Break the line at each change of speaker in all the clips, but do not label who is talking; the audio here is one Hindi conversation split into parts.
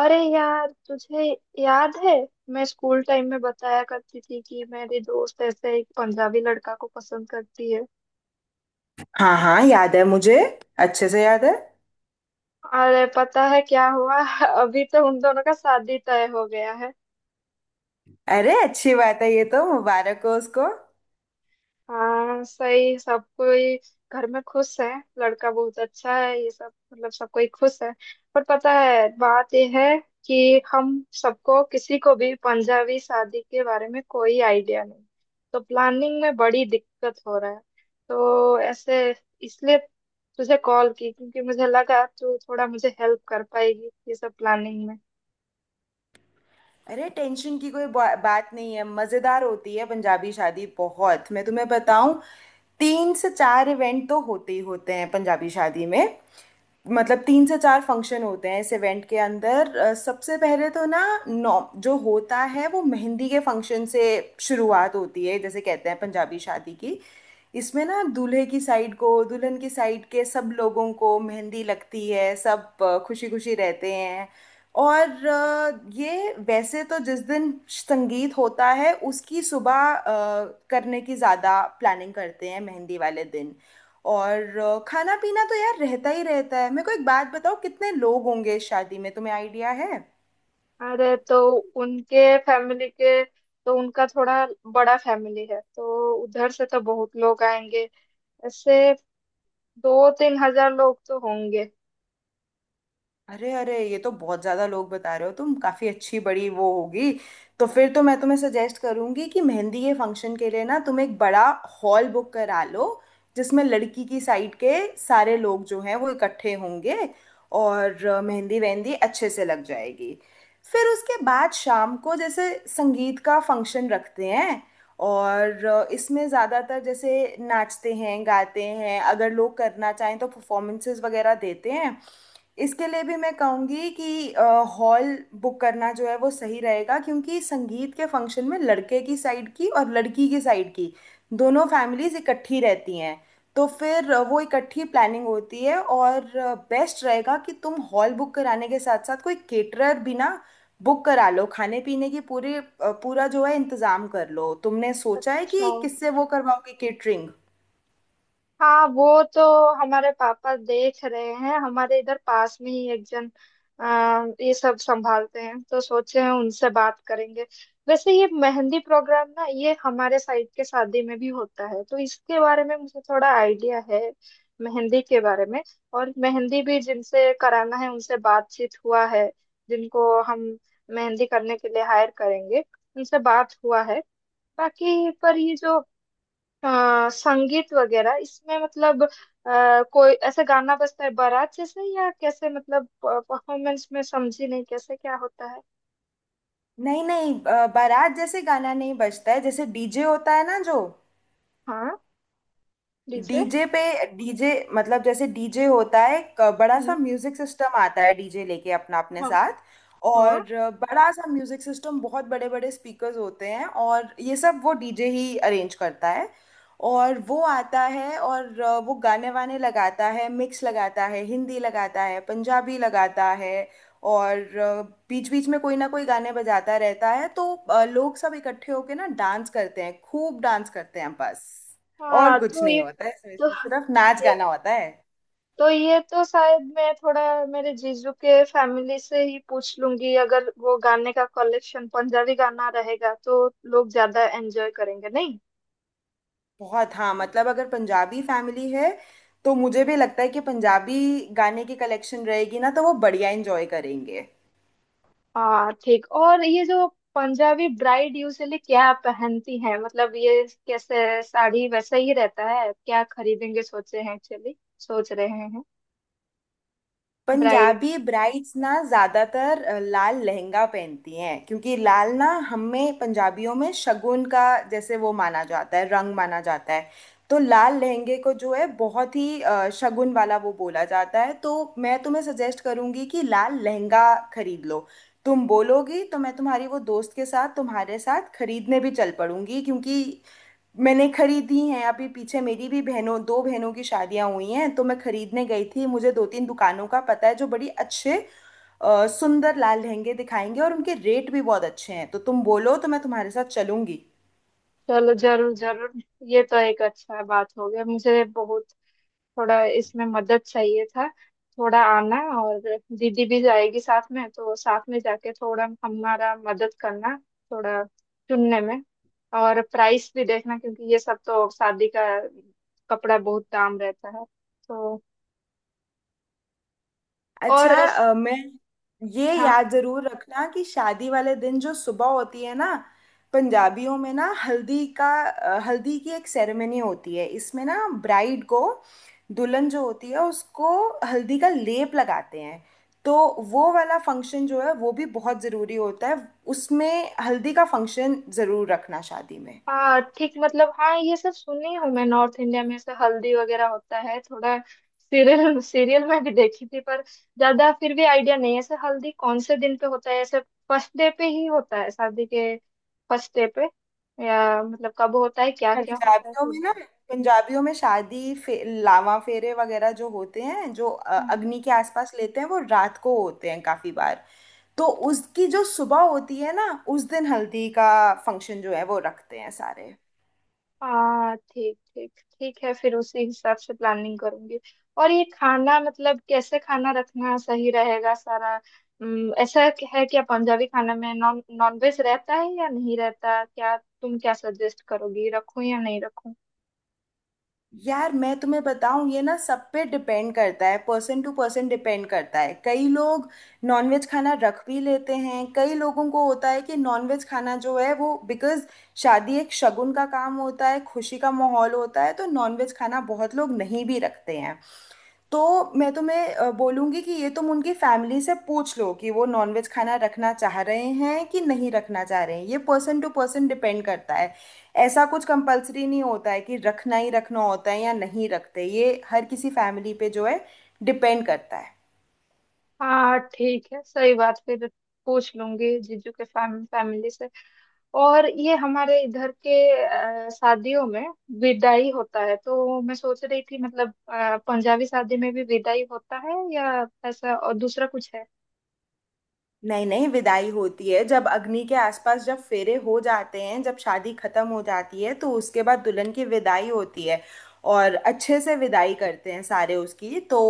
अरे यार तुझे याद है मैं स्कूल टाइम में बताया करती थी कि मेरी दोस्त ऐसे एक पंजाबी लड़का को पसंद करती है।
हाँ हाँ, याद है मुझे। अच्छे से याद है।
अरे पता है क्या हुआ अभी तो उन दोनों का शादी तय हो गया।
अरे अच्छी बात है, ये तो मुबारक हो उसको।
हाँ सही सब कोई घर में खुश है। लड़का बहुत अच्छा है, ये सब मतलब सब कोई खुश है। पर पता है बात यह है कि हम सबको किसी को भी पंजाबी शादी के बारे में कोई आइडिया नहीं। तो प्लानिंग में बड़ी दिक्कत हो रहा है। तो ऐसे इसलिए तुझे कॉल की क्योंकि मुझे लगा तू थोड़ा मुझे हेल्प कर पाएगी ये सब प्लानिंग में।
अरे टेंशन की कोई बात नहीं है। मजेदार होती है पंजाबी शादी बहुत, मैं तुम्हें बताऊं। तीन से चार इवेंट तो होते ही होते हैं पंजाबी शादी में। मतलब तीन से चार फंक्शन होते हैं इस इवेंट के अंदर। सबसे पहले तो ना नौ जो होता है वो मेहंदी के फंक्शन से शुरुआत होती है, जैसे कहते हैं पंजाबी शादी की। इसमें ना दूल्हे की साइड को दुल्हन की साइड के सब लोगों को मेहंदी लगती है, सब खुशी खुशी रहते हैं। और ये वैसे तो जिस दिन संगीत होता है उसकी सुबह करने की ज़्यादा प्लानिंग करते हैं मेहंदी वाले दिन। और खाना पीना तो यार रहता ही रहता है। मेरे को एक बात बताओ, कितने लोग होंगे इस शादी में तुम्हें आइडिया है?
अरे तो उनके फैमिली के, तो उनका थोड़ा बड़ा फैमिली है तो उधर से तो बहुत लोग आएंगे। ऐसे 2-3 हजार लोग तो होंगे।
अरे अरे, ये तो बहुत ज्यादा लोग बता रहे हो तुम, काफी अच्छी बड़ी वो होगी। तो फिर तो मैं तुम्हें सजेस्ट करूंगी कि मेहंदी के फंक्शन के लिए ना तुम एक बड़ा हॉल बुक करा लो, जिसमें लड़की की साइड के सारे लोग जो हैं वो इकट्ठे होंगे और मेहंदी वेहंदी अच्छे से लग जाएगी। फिर उसके बाद शाम को जैसे संगीत का फंक्शन रखते हैं, और इसमें ज़्यादातर जैसे नाचते हैं गाते हैं, अगर लोग करना चाहें तो परफॉर्मेंसेस वगैरह देते हैं। इसके लिए भी मैं कहूंगी कि हॉल बुक करना जो है वो सही रहेगा, क्योंकि संगीत के फंक्शन में लड़के की साइड की और लड़की की साइड की दोनों फैमिलीज इकट्ठी रहती हैं। तो फिर वो इकट्ठी प्लानिंग होती है। और बेस्ट रहेगा कि तुम हॉल बुक कराने के साथ साथ कोई केटरर भी ना बुक करा लो, खाने पीने की पूरा जो है इंतजाम कर लो। तुमने सोचा है
अच्छा,
कि किससे वो करवाओगे केटरिंग?
हाँ वो तो हमारे पापा देख रहे हैं, हमारे इधर पास में ही एक जन अ, ये सब संभालते हैं तो सोचे हैं उनसे बात करेंगे। वैसे ये मेहंदी प्रोग्राम ना ये हमारे साइड के शादी में भी होता है तो इसके बारे में मुझे थोड़ा आइडिया है, मेहंदी के बारे में। और मेहंदी भी जिनसे कराना है उनसे बातचीत हुआ है, जिनको हम मेहंदी करने के लिए हायर करेंगे उनसे बात हुआ है। बाकी पर ये जो, हाँ संगीत वगैरह इसमें मतलब कोई ऐसा गाना बजता है बारात जैसे, या कैसे मतलब परफॉर्मेंस में समझी नहीं कैसे क्या होता है?
नहीं नहीं, बारात जैसे गाना नहीं बजता है। जैसे डीजे होता है ना, जो
हाँ, डीजे।
डीजे पे डीजे मतलब जैसे डीजे होता है, एक बड़ा सा
हम्म,
म्यूजिक सिस्टम आता है डीजे लेके अपना अपने
हाँ
साथ। और
हाँ।
बड़ा सा म्यूजिक सिस्टम, बहुत बड़े बड़े स्पीकर्स होते हैं, और ये सब वो डीजे ही अरेंज करता है। और वो आता है और वो गाने वाने लगाता है, मिक्स लगाता है, हिंदी लगाता है, पंजाबी लगाता है। और बीच बीच में कोई ना कोई गाने बजाता रहता है। तो लोग सब इकट्ठे होके ना डांस करते हैं, खूब डांस करते हैं, बस।
हाँ,
और कुछ
तो
नहीं होता है इसमें, सिर्फ नाच
ये
गाना होता है।
ये तो शायद मैं थोड़ा मेरे जीजू के फैमिली से ही पूछ लूंगी, अगर वो गाने का कलेक्शन पंजाबी गाना रहेगा तो लोग ज्यादा एंजॉय करेंगे नहीं?
बहुत, हाँ मतलब अगर पंजाबी फैमिली है तो मुझे भी लगता है कि पंजाबी गाने की कलेक्शन रहेगी ना तो वो बढ़िया एंजॉय करेंगे।
हाँ ठीक। और ये जो पंजाबी ब्राइड यूजली क्या पहनती है, मतलब ये कैसे, साड़ी वैसा ही रहता है क्या, खरीदेंगे सोचे हैं, एक्चुअली सोच रहे हैं ब्राइड।
पंजाबी ब्राइड्स ना ज्यादातर लाल लहंगा पहनती हैं, क्योंकि लाल ना हमें पंजाबियों में शगुन का जैसे वो माना जाता है, रंग माना जाता है। तो लाल लहंगे को जो है बहुत ही शगुन वाला वो बोला जाता है। तो मैं तुम्हें सजेस्ट करूंगी कि लाल लहंगा खरीद लो। तुम बोलोगी तो मैं तुम्हारी वो दोस्त के साथ तुम्हारे साथ खरीदने भी चल पड़ूंगी, क्योंकि मैंने खरीदी हैं। अभी पीछे मेरी भी बहनों दो बहनों की शादियां हुई हैं तो मैं खरीदने गई थी। मुझे दो तीन दुकानों का पता है जो बड़ी अच्छे सुंदर लाल लहंगे दिखाएंगे, और उनके रेट भी बहुत अच्छे हैं। तो तुम बोलो तो मैं तुम्हारे साथ चलूंगी।
चलो, जरूर जरूर। ये तो एक अच्छा बात हो गया, मुझे बहुत थोड़ा इसमें मदद चाहिए था। थोड़ा आना, और दीदी भी जाएगी साथ में तो साथ में जाके थोड़ा हमारा मदद करना, थोड़ा चुनने में, और प्राइस भी देखना क्योंकि ये सब तो शादी का कपड़ा बहुत दाम रहता है। तो और
अच्छा, अ, मैं ये
हाँ।
याद जरूर रखना कि शादी वाले दिन जो सुबह होती है ना पंजाबियों में ना हल्दी की एक सेरेमनी होती है। इसमें ना ब्राइड को, दुल्हन जो होती है उसको, हल्दी का लेप लगाते हैं। तो वो वाला फंक्शन जो है वो भी बहुत ज़रूरी होता है। उसमें हल्दी का फंक्शन ज़रूर रखना शादी में।
हाँ ठीक, मतलब हाँ ये सब सुनी हूँ मैं, नॉर्थ इंडिया में ऐसे हल्दी वगैरह होता है थोड़ा, सीरियल सीरियल में भी देखी थी, पर ज्यादा फिर भी आइडिया नहीं है। ऐसे हल्दी कौन से दिन पे होता है, ऐसे फर्स्ट डे पे ही होता है शादी के, फर्स्ट डे पे, या मतलब कब होता है क्या क्या होता है
पंजाबियों में
फिर?
ना पंजाबियों में शादी लावा फेरे वगैरह जो होते हैं, जो
हाँ।
अग्नि के आसपास लेते हैं, वो रात को होते हैं काफी बार। तो उसकी जो सुबह होती है ना उस दिन हल्दी का फंक्शन जो है वो रखते हैं सारे।
हाँ ठीक ठीक, ठीक है फिर उसी हिसाब से प्लानिंग करूंगी। और ये खाना मतलब कैसे खाना रखना सही रहेगा सारा, ऐसा है क्या पंजाबी खाना में नॉन नॉन वेज रहता है या नहीं रहता, क्या तुम क्या सजेस्ट करोगी रखूं या नहीं रखूं?
यार मैं तुम्हें बताऊं, ये ना सब पे डिपेंड करता है, पर्सन टू पर्सन डिपेंड करता है। कई लोग नॉनवेज खाना रख भी लेते हैं, कई लोगों को होता है कि नॉनवेज खाना जो है वो बिकॉज शादी एक शगुन का काम होता है, खुशी का माहौल होता है, तो नॉनवेज खाना बहुत लोग नहीं भी रखते हैं। तो मैं तुम्हें बोलूँगी कि ये तुम उनकी फैमिली से पूछ लो कि वो नॉनवेज खाना रखना चाह रहे हैं कि नहीं रखना चाह रहे हैं, ये पर्सन टू पर्सन डिपेंड करता है। ऐसा कुछ कंपलसरी नहीं होता है कि रखना ही रखना होता है या नहीं रखते, ये हर किसी फैमिली पे जो है डिपेंड करता है।
हाँ ठीक है, सही बात फिर पूछ लूंगी जीजू के फैमिली से। और ये हमारे इधर के शादियों में विदाई होता है, तो मैं सोच रही थी मतलब पंजाबी शादी में भी विदाई होता है, या ऐसा और दूसरा कुछ है?
नहीं नहीं, विदाई होती है। जब अग्नि के आसपास जब फेरे हो जाते हैं, जब शादी खत्म हो जाती है, तो उसके बाद दुल्हन की विदाई होती है। और अच्छे से विदाई करते हैं सारे उसकी तो।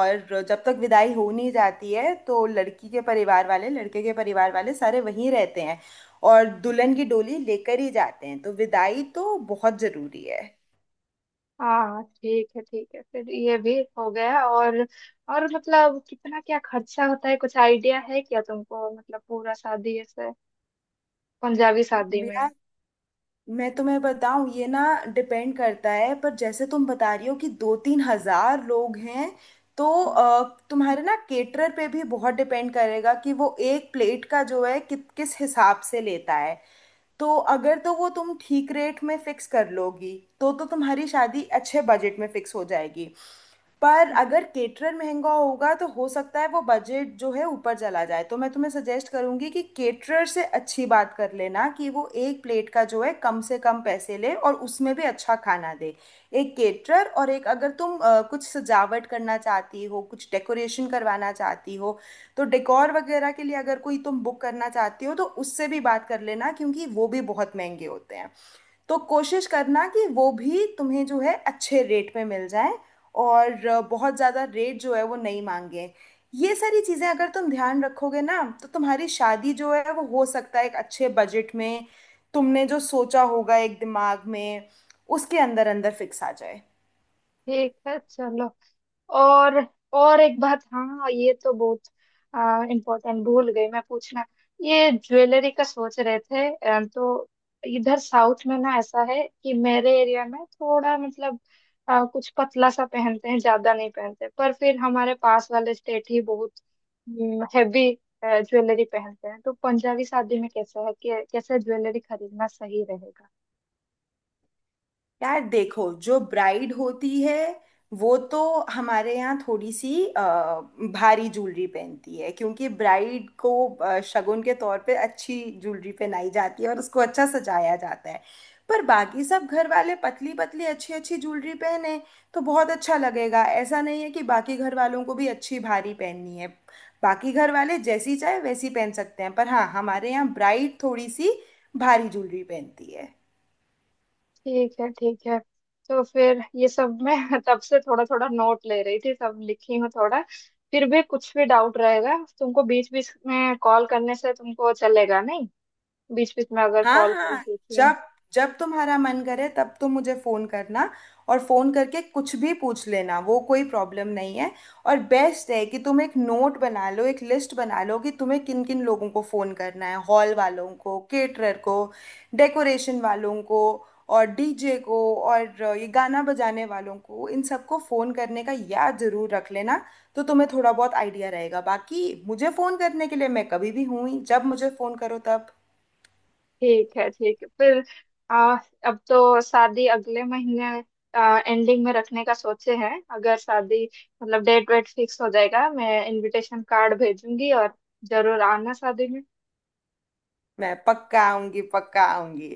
और जब तक विदाई हो नहीं जाती है तो लड़की के परिवार वाले लड़के के परिवार वाले सारे वहीं रहते हैं, और दुल्हन की डोली लेकर ही जाते हैं, तो विदाई तो बहुत जरूरी
हाँ ठीक है ठीक है, फिर ये भी हो गया। और मतलब कितना क्या खर्चा होता है, कुछ आइडिया है क्या तुमको, मतलब पूरा शादी ऐसे, पंजाबी शादी में?
है। मैं तुम्हें बताऊं, ये ना डिपेंड करता है, पर जैसे तुम बता रही हो कि दो तीन हजार लोग हैं तो तुम्हारे ना केटरर पे भी बहुत डिपेंड करेगा कि वो एक प्लेट का जो है किस हिसाब से लेता है। तो अगर तो वो तुम ठीक रेट में फिक्स कर लोगी तो तुम्हारी शादी अच्छे बजट में फिक्स हो जाएगी। पर अगर केटरर महंगा होगा तो हो सकता है वो बजट जो है ऊपर चला जाए। तो मैं तुम्हें सजेस्ट करूंगी कि केटरर से अच्छी बात कर लेना कि वो एक प्लेट का जो है कम से कम पैसे ले और उसमें भी अच्छा खाना दे। एक केटरर, और एक अगर तुम कुछ सजावट करना चाहती हो कुछ डेकोरेशन करवाना चाहती हो, तो डेकोर वगैरह के लिए अगर कोई तुम बुक करना चाहती हो तो उससे भी बात कर लेना, क्योंकि वो भी बहुत महंगे होते हैं। तो कोशिश करना कि वो भी तुम्हें जो है अच्छे रेट पे मिल जाए, और बहुत ज़्यादा रेट जो है वो नहीं मांगे। ये सारी चीज़ें अगर तुम ध्यान रखोगे ना तो तुम्हारी शादी जो है वो हो सकता है एक अच्छे बजट में, तुमने जो सोचा होगा एक दिमाग में उसके अंदर अंदर फिक्स आ जाए।
ठीक है चलो। और और एक बात, हाँ ये तो बहुत इम्पोर्टेंट भूल गई मैं पूछना। ये ज्वेलरी का सोच रहे थे, तो इधर साउथ में ना ऐसा है कि मेरे एरिया में थोड़ा मतलब कुछ पतला सा पहनते हैं, ज्यादा नहीं पहनते, पर फिर हमारे पास वाले स्टेट ही बहुत हैवी ज्वेलरी पहनते हैं, तो पंजाबी शादी में कैसा है कि कैसे ज्वेलरी खरीदना सही रहेगा?
यार देखो, जो ब्राइड होती है वो तो हमारे यहाँ थोड़ी सी भारी ज्वेलरी पहनती है, क्योंकि ब्राइड को शगुन के तौर पे अच्छी ज्वेलरी पहनाई जाती है और उसको अच्छा सजाया जाता है। पर बाकी सब घर वाले पतली पतली अच्छी अच्छी ज्वेलरी पहने तो बहुत अच्छा लगेगा। ऐसा नहीं है कि बाकी घर वालों को भी अच्छी भारी पहननी है। बाकी घर वाले जैसी चाहे वैसी पहन सकते हैं, पर हाँ हमारे यहाँ ब्राइड थोड़ी सी भारी ज्वेलरी पहनती है।
ठीक है ठीक है। तो फिर ये सब मैं तब से थोड़ा थोड़ा नोट ले रही थी, सब लिखी हूँ थोड़ा, फिर भी कुछ भी डाउट रहेगा तुमको, बीच बीच में कॉल करने से तुमको चलेगा नहीं? बीच बीच में अगर
हाँ
कॉल करूँ
हाँ,
पूछूँ, ठीक?
जब जब तुम्हारा मन करे तब तुम मुझे फोन करना। और फोन करके कुछ भी पूछ लेना, वो कोई प्रॉब्लम नहीं है। और बेस्ट है कि तुम एक नोट बना लो, एक लिस्ट बना लो कि तुम्हें किन किन लोगों को फोन करना है — हॉल वालों को, केटरर को, डेकोरेशन वालों को, और डीजे को, और ये गाना बजाने वालों को, इन सबको फोन करने का याद जरूर रख लेना। तो तुम्हें थोड़ा बहुत आइडिया रहेगा, बाकी मुझे फोन करने के लिए मैं कभी भी हूँ ही, जब मुझे फोन करो तब।
ठीक है फिर आ, अब तो शादी अगले महीने एंडिंग में रखने का सोचे हैं, अगर शादी मतलब डेट वेट फिक्स हो जाएगा, मैं इनविटेशन कार्ड भेजूंगी, और जरूर आना शादी में।
मैं पक्का आऊंगी, पक्का आऊंगी।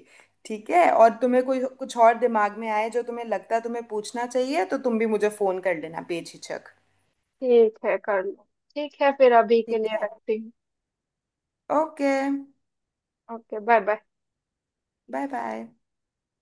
ठीक है, और तुम्हें कोई कुछ और दिमाग में आए जो तुम्हें लगता है तुम्हें पूछना चाहिए, तो तुम भी मुझे फोन कर लेना बेझिझक।
ठीक है कर लो। ठीक है फिर अभी के
ठीक
लिए
है।
रखती हूँ।
Okay,
okay, bye bye.
Bye bye.